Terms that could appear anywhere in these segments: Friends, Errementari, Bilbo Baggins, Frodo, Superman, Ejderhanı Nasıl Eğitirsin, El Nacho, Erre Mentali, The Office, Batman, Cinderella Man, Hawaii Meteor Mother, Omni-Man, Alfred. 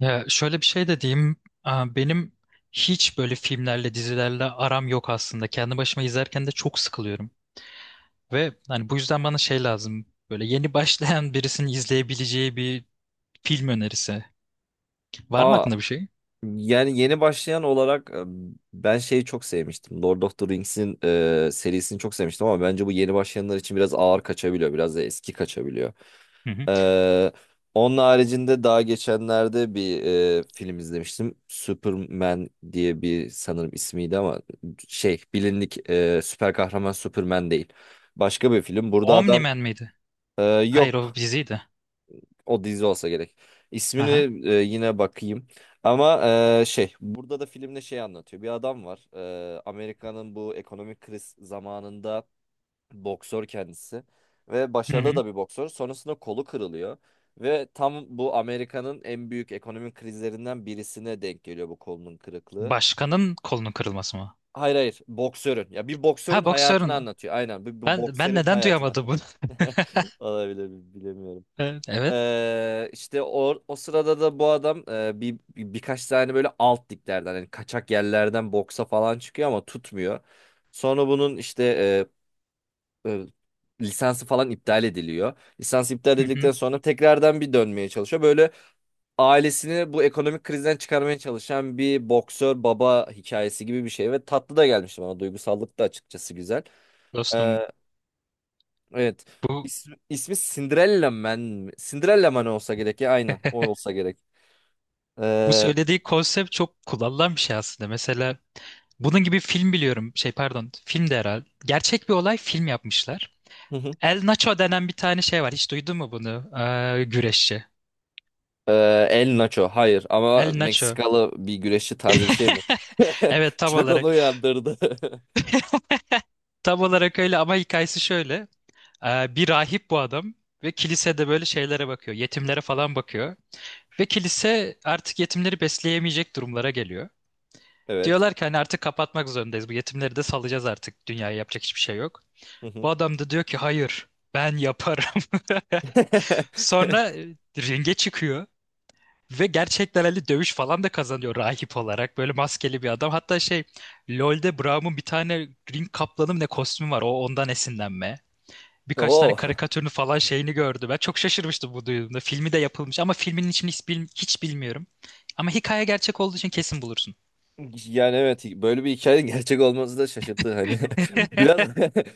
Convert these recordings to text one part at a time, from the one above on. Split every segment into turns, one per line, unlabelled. Ya şöyle bir şey de diyeyim. Aa, benim hiç böyle filmlerle, dizilerle aram yok aslında. Kendi başıma izlerken de çok sıkılıyorum. Ve hani bu yüzden bana şey lazım. Böyle yeni başlayan birisinin izleyebileceği bir film önerisi. Var mı
Aa,
aklında bir şey?
yani yeni başlayan olarak ben şeyi çok sevmiştim. Lord of the Rings'in serisini çok sevmiştim ama bence bu yeni başlayanlar için biraz ağır kaçabiliyor. Biraz da eski kaçabiliyor.
Hı hı.
Ee, Onun haricinde daha geçenlerde bir film izlemiştim. Superman diye bir sanırım ismiydi ama şey bilindik süper kahraman Superman değil. Başka bir film. Burada adam
Omni-Man miydi? Hayır, o
yok.
diziydi.
O dizi olsa gerek. İsmini
Aha.
yine bakayım. Ama şey burada da filmde şey anlatıyor. Bir adam var. Amerika'nın bu ekonomik kriz zamanında boksör kendisi ve
Hı
başarılı
hı.
da bir boksör. Sonrasında kolu kırılıyor ve tam bu Amerika'nın en büyük ekonomik krizlerinden birisine denk geliyor bu kolunun kırıklığı.
Başkanın kolunun kırılması mı?
Hayır hayır, boksörün. Ya bir boksörün
Ha,
hayatını
boksörün.
anlatıyor. Aynen bu,
Ben
boksörün
neden
hayatını.
duyamadım bunu?
Olabilir, bilemiyorum.
Evet.
İşte o sırada da bu adam birkaç tane böyle alt liglerden yani kaçak yerlerden boksa falan çıkıyor ama tutmuyor. Sonra bunun işte e, e, lisansı falan iptal ediliyor. Lisans iptal
Hı
edildikten
hı.
sonra tekrardan bir dönmeye çalışıyor. Böyle ailesini bu ekonomik krizden çıkarmaya çalışan bir boksör baba hikayesi gibi bir şey ve tatlı da gelmişti bana, duygusallık da açıkçası güzel.
Dostum,
Evet.
bu
İsmi Cinderella Man mi? Cinderella Man olsa gerek ya, aynen. O olsa gerek.
bu
Ee,
söylediği konsept çok kullanılan bir şey aslında. Mesela bunun gibi film biliyorum. Şey pardon, film de herhalde. Gerçek bir olay, film yapmışlar.
hı hı.
El Nacho denen bir tane şey var. Hiç duydun mu bunu? Güreşçi.
El Nacho. Hayır ama
El Nacho.
Meksikalı bir güreşçi tarzı bir şey mi?
Evet, tam
Çok onu
olarak.
uyandırdı.
Tam olarak öyle ama hikayesi şöyle. Bir rahip bu adam ve kilisede böyle şeylere bakıyor. Yetimlere falan bakıyor. Ve kilise artık yetimleri besleyemeyecek durumlara geliyor.
Evet.
Diyorlar ki hani artık kapatmak zorundayız. Bu yetimleri de salacağız artık. Dünyaya yapacak hiçbir şey yok.
Hı hı.
Bu adam da diyor ki hayır, ben yaparım. Sonra ringe çıkıyor ve gerçekten hani dövüş falan da kazanıyor rahip olarak. Böyle maskeli bir adam. Hatta şey, LoL'de Braum'un bir tane ring kaplanı mı ne kostümü var. O ondan esinlenme. Birkaç tane
Oo.
karikatürünü falan şeyini gördüm. Ben çok şaşırmıştım bu duyduğumda. Filmi de yapılmış ama filmin içini hiç, hiç bilmiyorum. Ama hikaye gerçek olduğu için kesin bulursun.
Yani evet, böyle bir hikayenin gerçek olması da şaşırttı hani. Biraz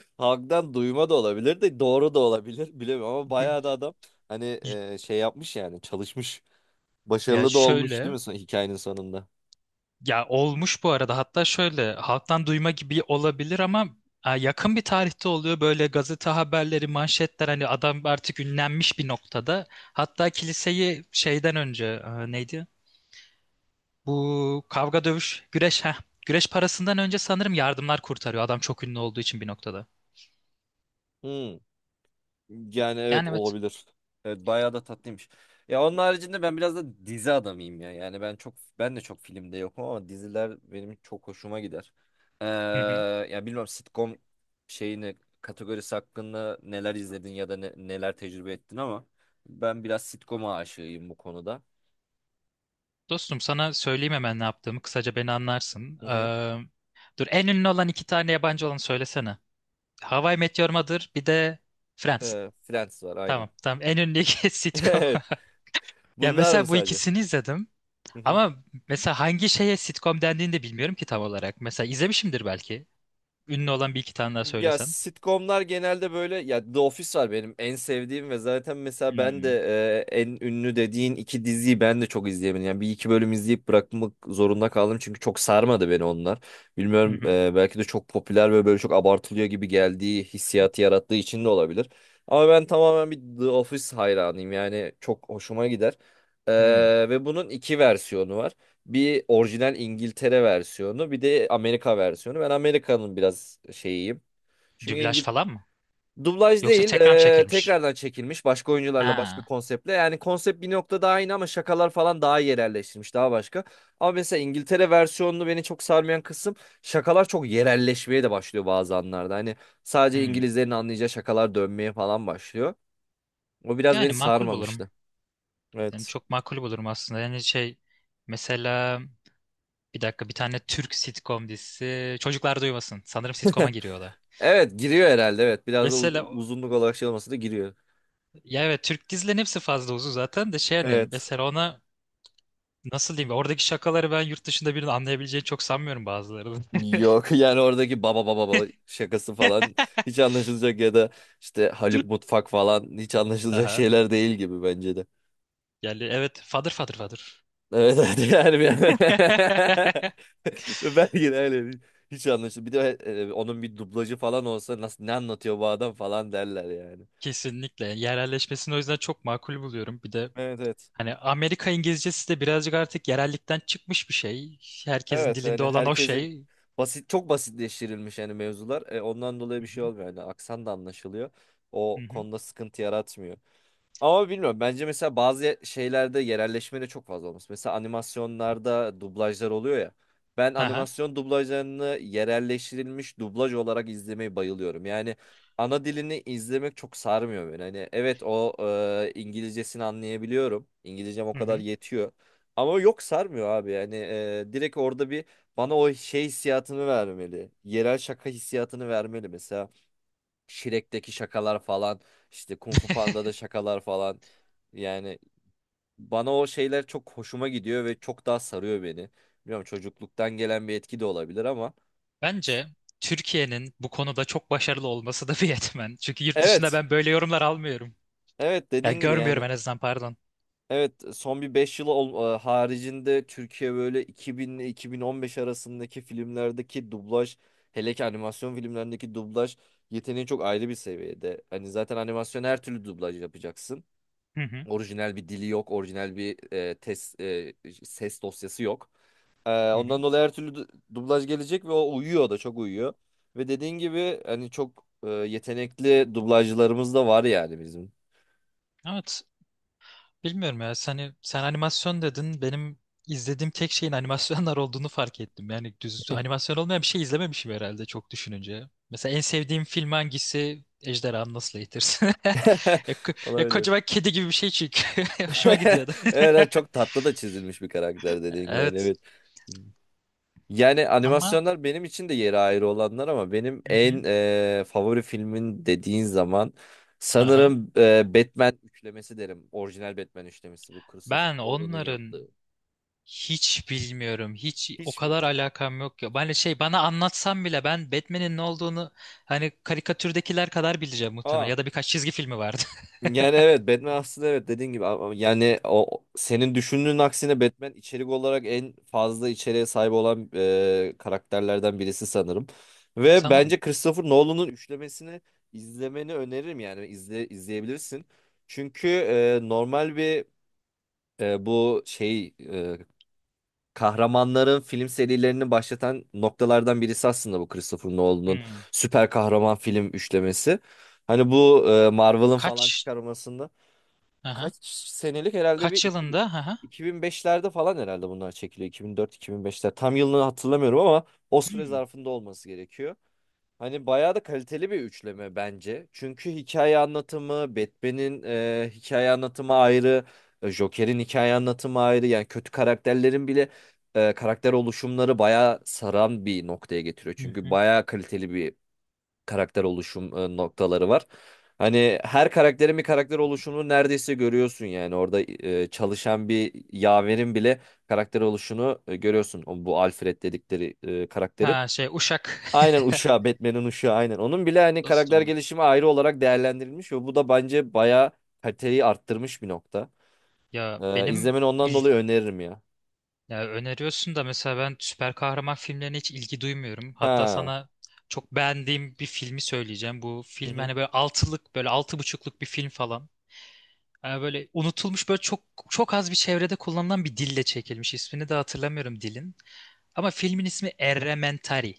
halktan duyma da olabilir de doğru da olabilir, bilemiyorum, ama bayağı da adam hani şey yapmış yani, çalışmış.
Ya
Başarılı da olmuş değil
şöyle,
mi hikayenin sonunda?
ya olmuş bu arada. Hatta şöyle halktan duyma gibi olabilir ama yakın bir tarihte oluyor. Böyle gazete haberleri, manşetler, hani adam artık ünlenmiş bir noktada. Hatta kiliseyi şeyden önce, neydi, bu kavga, dövüş, güreş, ha güreş parasından önce sanırım yardımlar kurtarıyor adam, çok ünlü olduğu için bir noktada.
Hmm. Yani evet,
Yani evet.
olabilir. Evet, bayağı da tatlıymış. Ya onun haricinde ben biraz da dizi adamıyım ya. Yani ben çok, ben de çok filmde yokum ama diziler benim çok hoşuma gider. Ee,
Hı hı.
Ya bilmiyorum, sitcom şeyini, kategorisi hakkında neler izledin ya da neler tecrübe ettin ama ben biraz sitcom'a aşığıyım bu konuda.
Dostum, sana söyleyeyim hemen ne yaptığımı, kısaca beni anlarsın.
Hı hı.
Dur, en ünlü olan iki tane yabancı olanı söylesene. Hawaii Meteor Mother, bir de Friends.
Friends var aynı.
Tamam, tamam, en ünlüdeki sitcom.
Evet.
Ya
Bunlar mı
mesela bu
sadece?
ikisini izledim. Ama mesela hangi şeye sitcom dendiğini de bilmiyorum ki tam olarak. Mesela izlemişimdir belki. Ünlü olan bir iki tane daha
Ya
söylesen.
sitcomlar genelde böyle, ya The Office var benim en sevdiğim, ve zaten mesela ben de
Hmm.
en ünlü dediğin iki diziyi ben de çok izleyemedim. Yani bir iki bölüm izleyip bırakmak zorunda kaldım çünkü çok sarmadı beni onlar.
Hı
Bilmiyorum,
hı.
belki de çok popüler ve böyle çok abartılıyor gibi geldiği hissiyatı yarattığı için de olabilir. Ama ben tamamen bir The Office hayranıyım, yani çok hoşuma gider.
Hmm.
Ve bunun iki versiyonu var. Bir orijinal İngiltere versiyonu, bir de Amerika versiyonu. Ben Amerika'nın biraz şeyiyim. Çünkü
Dublaj
İngil
falan mı?
Dublaj
Yoksa
değil,
tekrar mı çekilmiş?
tekrardan çekilmiş, başka oyuncularla başka
Ha.
konseptle. Yani konsept bir noktada aynı ama şakalar falan daha iyi yerelleştirilmiş, daha başka. Ama mesela İngiltere versiyonunu beni çok sarmayan kısım, şakalar çok yerelleşmeye de başlıyor bazı anlarda. Hani sadece
Hmm.
İngilizlerin anlayacağı şakalar dönmeye falan başlıyor. O biraz
Yani
beni
makul bulurum.
sarmamıştı.
Yani
Evet.
çok makul bulurum aslında. Yani şey, mesela, bir dakika, bir tane Türk sitcom dizisi. Çocuklar Duymasın. Sanırım sitcom'a giriyor o da.
Evet, giriyor herhalde. Evet, biraz da
Mesela o-
uzunluk olarak şey olmasa da giriyor.
ya evet, Türk dizilerin hepsi fazla uzun zaten de, şey, hani
Evet.
mesela ona nasıl diyeyim? Oradaki şakaları ben yurt dışında birinin anlayabileceğini çok sanmıyorum, bazılarının.
Yok, yani oradaki baba baba baba şakası falan hiç anlaşılacak ya da işte Haluk Mutfak falan hiç anlaşılacak
Aha.
şeyler değil gibi, bence de.
Yani evet, fadır fadır fadır.
Evet evet, yani belki de öyle hiç anlaşılır. Bir de onun bir dublajı falan olsa, nasıl, ne anlatıyor bu adam falan derler yani.
Kesinlikle. Yerelleşmesini o yüzden çok makul buluyorum. Bir de
Evet evet.
hani Amerika İngilizcesi de birazcık artık yerellikten çıkmış bir şey. Herkesin
Evet
dilinde
yani
olan o
herkesin
şey.
basit, çok basitleştirilmiş yani mevzular. Ondan dolayı
Hı
bir şey
hı.
olmuyor yani, aksan da anlaşılıyor.
Hı
O
hı.
konuda sıkıntı yaratmıyor. Ama bilmiyorum. Bence mesela bazı şeylerde yerelleşme de çok fazla olması. Mesela animasyonlarda dublajlar oluyor ya. Ben
Aha.
animasyon dublajlarını yerelleştirilmiş dublaj olarak izlemeyi bayılıyorum. Yani ana dilini izlemek çok sarmıyor beni. Hani evet, o İngilizcesini anlayabiliyorum. İngilizcem o
Hı
kadar
hı.
yetiyor. Ama yok, sarmıyor abi. Yani direkt orada bir bana o şey hissiyatını vermeli. Yerel şaka hissiyatını vermeli mesela. Shrek'teki şakalar falan, işte Kung Fu Panda'da şakalar falan, yani bana o şeyler çok hoşuma gidiyor ve çok daha sarıyor beni. Bilmiyorum, çocukluktan gelen bir etki de olabilir ama
Bence Türkiye'nin bu konuda çok başarılı olması da bir yetmen. Çünkü yurt dışında
evet,
ben böyle yorumlar almıyorum.
evet,
Ya
dediğin gibi
görmüyorum
yani.
en azından, pardon.
Evet, son bir 5 yıl haricinde Türkiye böyle 2000 ile 2015 arasındaki filmlerdeki dublaj, hele ki animasyon filmlerindeki dublaj yeteneği çok ayrı bir seviyede. Hani zaten animasyon, her türlü dublaj yapacaksın.
Hı hı.
Orijinal bir dili yok, orijinal bir test ses dosyası yok.
Hı hı.
Ondan dolayı her türlü dublaj gelecek ve o uyuyor, da çok uyuyor. Ve dediğin gibi hani çok yetenekli dublajcılarımız da var yani bizim.
Evet. Bilmiyorum ya. Sen animasyon dedin. Benim izlediğim tek şeyin animasyonlar olduğunu fark ettim. Yani düz animasyon olmayan bir şey izlememişim herhalde, çok düşününce. Mesela en sevdiğim film hangisi? Ejderhanı Nasıl Eğitirsin? Ya,
Ona
ya
öyle.
kocaman kedi gibi bir şey çünkü. Hoşuma
Evet,
gidiyordu.
evet, çok tatlı da çizilmiş bir karakter dediğin gibi. Hani,
Evet.
evet. Yani
Ama
animasyonlar benim için de yeri ayrı olanlar ama benim
hı hı.
en favori filmin dediğin zaman
Aha.
sanırım Batman üçlemesi derim. Orijinal Batman üçlemesi, bu Christopher
Ben
Nolan'ın
onların
yaptığı.
hiç bilmiyorum. Hiç o
Hiç mi?
kadar alakam yok ya. Ben şey, bana anlatsam bile ben Batman'in ne olduğunu hani karikatürdekiler kadar bileceğim
Aa.
muhtemelen. Ya da birkaç çizgi filmi vardı.
Yani evet, Batman aslında, evet dediğin gibi, ama yani o senin düşündüğün aksine Batman içerik olarak en fazla içeriğe sahip olan karakterlerden birisi sanırım. Ve
Sanırım.
bence Christopher Nolan'ın üçlemesini izlemeni öneririm, yani izle, izleyebilirsin. Çünkü normal bir e, bu şey e, kahramanların film serilerini başlatan noktalardan birisi aslında bu Christopher Nolan'ın
Hmm.
süper kahraman film üçlemesi. Hani bu Marvel'ın falan
Kaç?
çıkarmasında
Aha.
kaç senelik herhalde, bir
Kaç
2000
yılında? Aha.
2005'lerde falan herhalde bunlar çekiliyor. 2004-2005'ler. Tam yılını hatırlamıyorum ama o süre
Hmm.
zarfında olması gerekiyor. Hani bayağı da kaliteli bir üçleme bence. Çünkü hikaye anlatımı, Batman'in hikaye anlatımı ayrı, Joker'in hikaye anlatımı ayrı. Yani kötü karakterlerin bile karakter oluşumları bayağı saran bir noktaya getiriyor.
Hı
Çünkü
hı.
bayağı kaliteli bir karakter oluşum noktaları var. Hani her karakterin bir karakter oluşumunu neredeyse görüyorsun yani, orada çalışan bir yaverin bile karakter oluşunu görüyorsun. Bu Alfred dedikleri karakterin.
Ha şey, uşak.
Aynen, uşağı, Batman'in uşağı aynen. Onun bile hani karakter
Dostum,
gelişimi ayrı olarak değerlendirilmiş ve bu da bence bayağı kaliteyi arttırmış bir nokta.
ya benim
İzlemeni ondan
il,
dolayı öneririm ya.
ya öneriyorsun da mesela ben süper kahraman filmlerine hiç ilgi duymuyorum. Hatta
Ha.
sana çok beğendiğim bir filmi söyleyeceğim. Bu
Hı
film
hı.
hani böyle altılık, böyle altı buçukluk bir film falan. Yani böyle unutulmuş, böyle çok çok az bir çevrede kullanılan bir dille çekilmiş. İsmini de hatırlamıyorum dilin. Ama filmin ismi Errementari.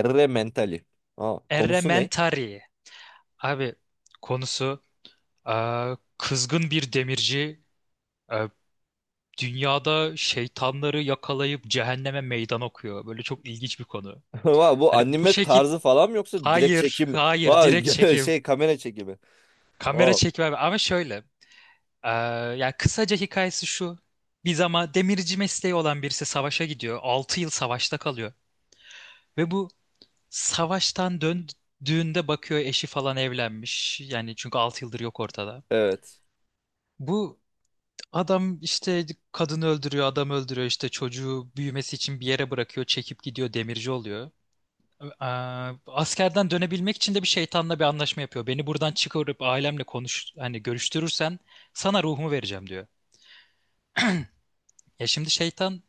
Erre Mentali. Aa, konusu ne?
Errementari. Abi, konusu kızgın bir demirci eee, dünyada şeytanları yakalayıp cehenneme meydan okuyor. Böyle çok ilginç bir konu.
Vay, bu
Hani bu
anime
şekil,
tarzı falan mı yoksa direkt
hayır
çekim?
hayır,
Vay,
direkt çekim,
şey, kamera çekimi.
kamera
Oo,
çekimi abi. Ama şöyle, Ee, yani kısaca hikayesi şu. Bir zaman demirci mesleği olan birisi savaşa gidiyor. 6 yıl savaşta kalıyor. Ve bu savaştan döndüğünde bakıyor, eşi falan evlenmiş. Yani çünkü 6 yıldır yok ortada.
evet.
Bu adam işte kadını öldürüyor, adam öldürüyor, işte çocuğu büyümesi için bir yere bırakıyor, çekip gidiyor, demirci oluyor. Ee, Askerden dönebilmek için de bir şeytanla bir anlaşma yapıyor. Beni buradan çıkarıp ailemle konuş, hani görüştürürsen sana ruhumu vereceğim diyor. Ya şimdi şeytan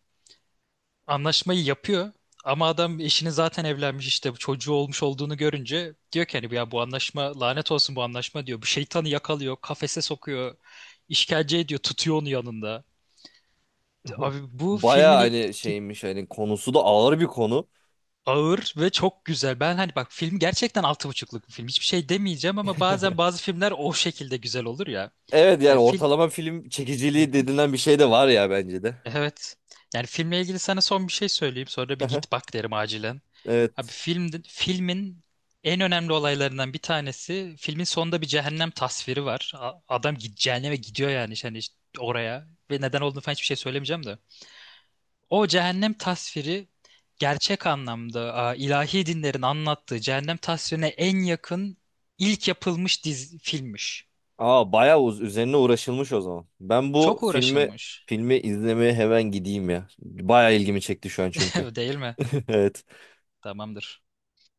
anlaşmayı yapıyor ama adam eşini zaten evlenmiş, işte çocuğu olmuş olduğunu görünce diyor ki hani ya, bu anlaşma, lanet olsun bu anlaşma diyor. Bu şeytanı yakalıyor, kafese sokuyor, işkence ediyor, tutuyor onu yanında. Abi, bu
Baya
filmin
hani şeymiş, hani konusu da ağır bir konu.
ağır ve çok güzel. Ben hani bak, film gerçekten altı buçukluk bir film. Hiçbir şey demeyeceğim ama bazen bazı filmler o şekilde güzel olur ya.
Evet
Ya
yani
film,
ortalama film çekiciliği denilen bir şey de var ya, bence de.
evet. Yani filmle ilgili sana son bir şey söyleyeyim. Sonra da bir git bak derim acilen. Abi
Evet.
film, filmin en önemli olaylarından bir tanesi filmin sonunda bir cehennem tasviri var. Adam git cehenneme gidiyor yani, işte hani işte oraya, ve neden olduğunu falan hiçbir şey söylemeyeceğim de. O cehennem tasviri gerçek anlamda, ilahi dinlerin anlattığı cehennem tasvirine en yakın ilk yapılmış dizi, filmmiş.
Aa, bayağı üzerine uğraşılmış o zaman. Ben bu
Çok
filmi
uğraşılmış.
filmi izlemeye hemen gideyim ya. Bayağı ilgimi çekti şu an çünkü.
Değil mi?
Evet.
Tamamdır.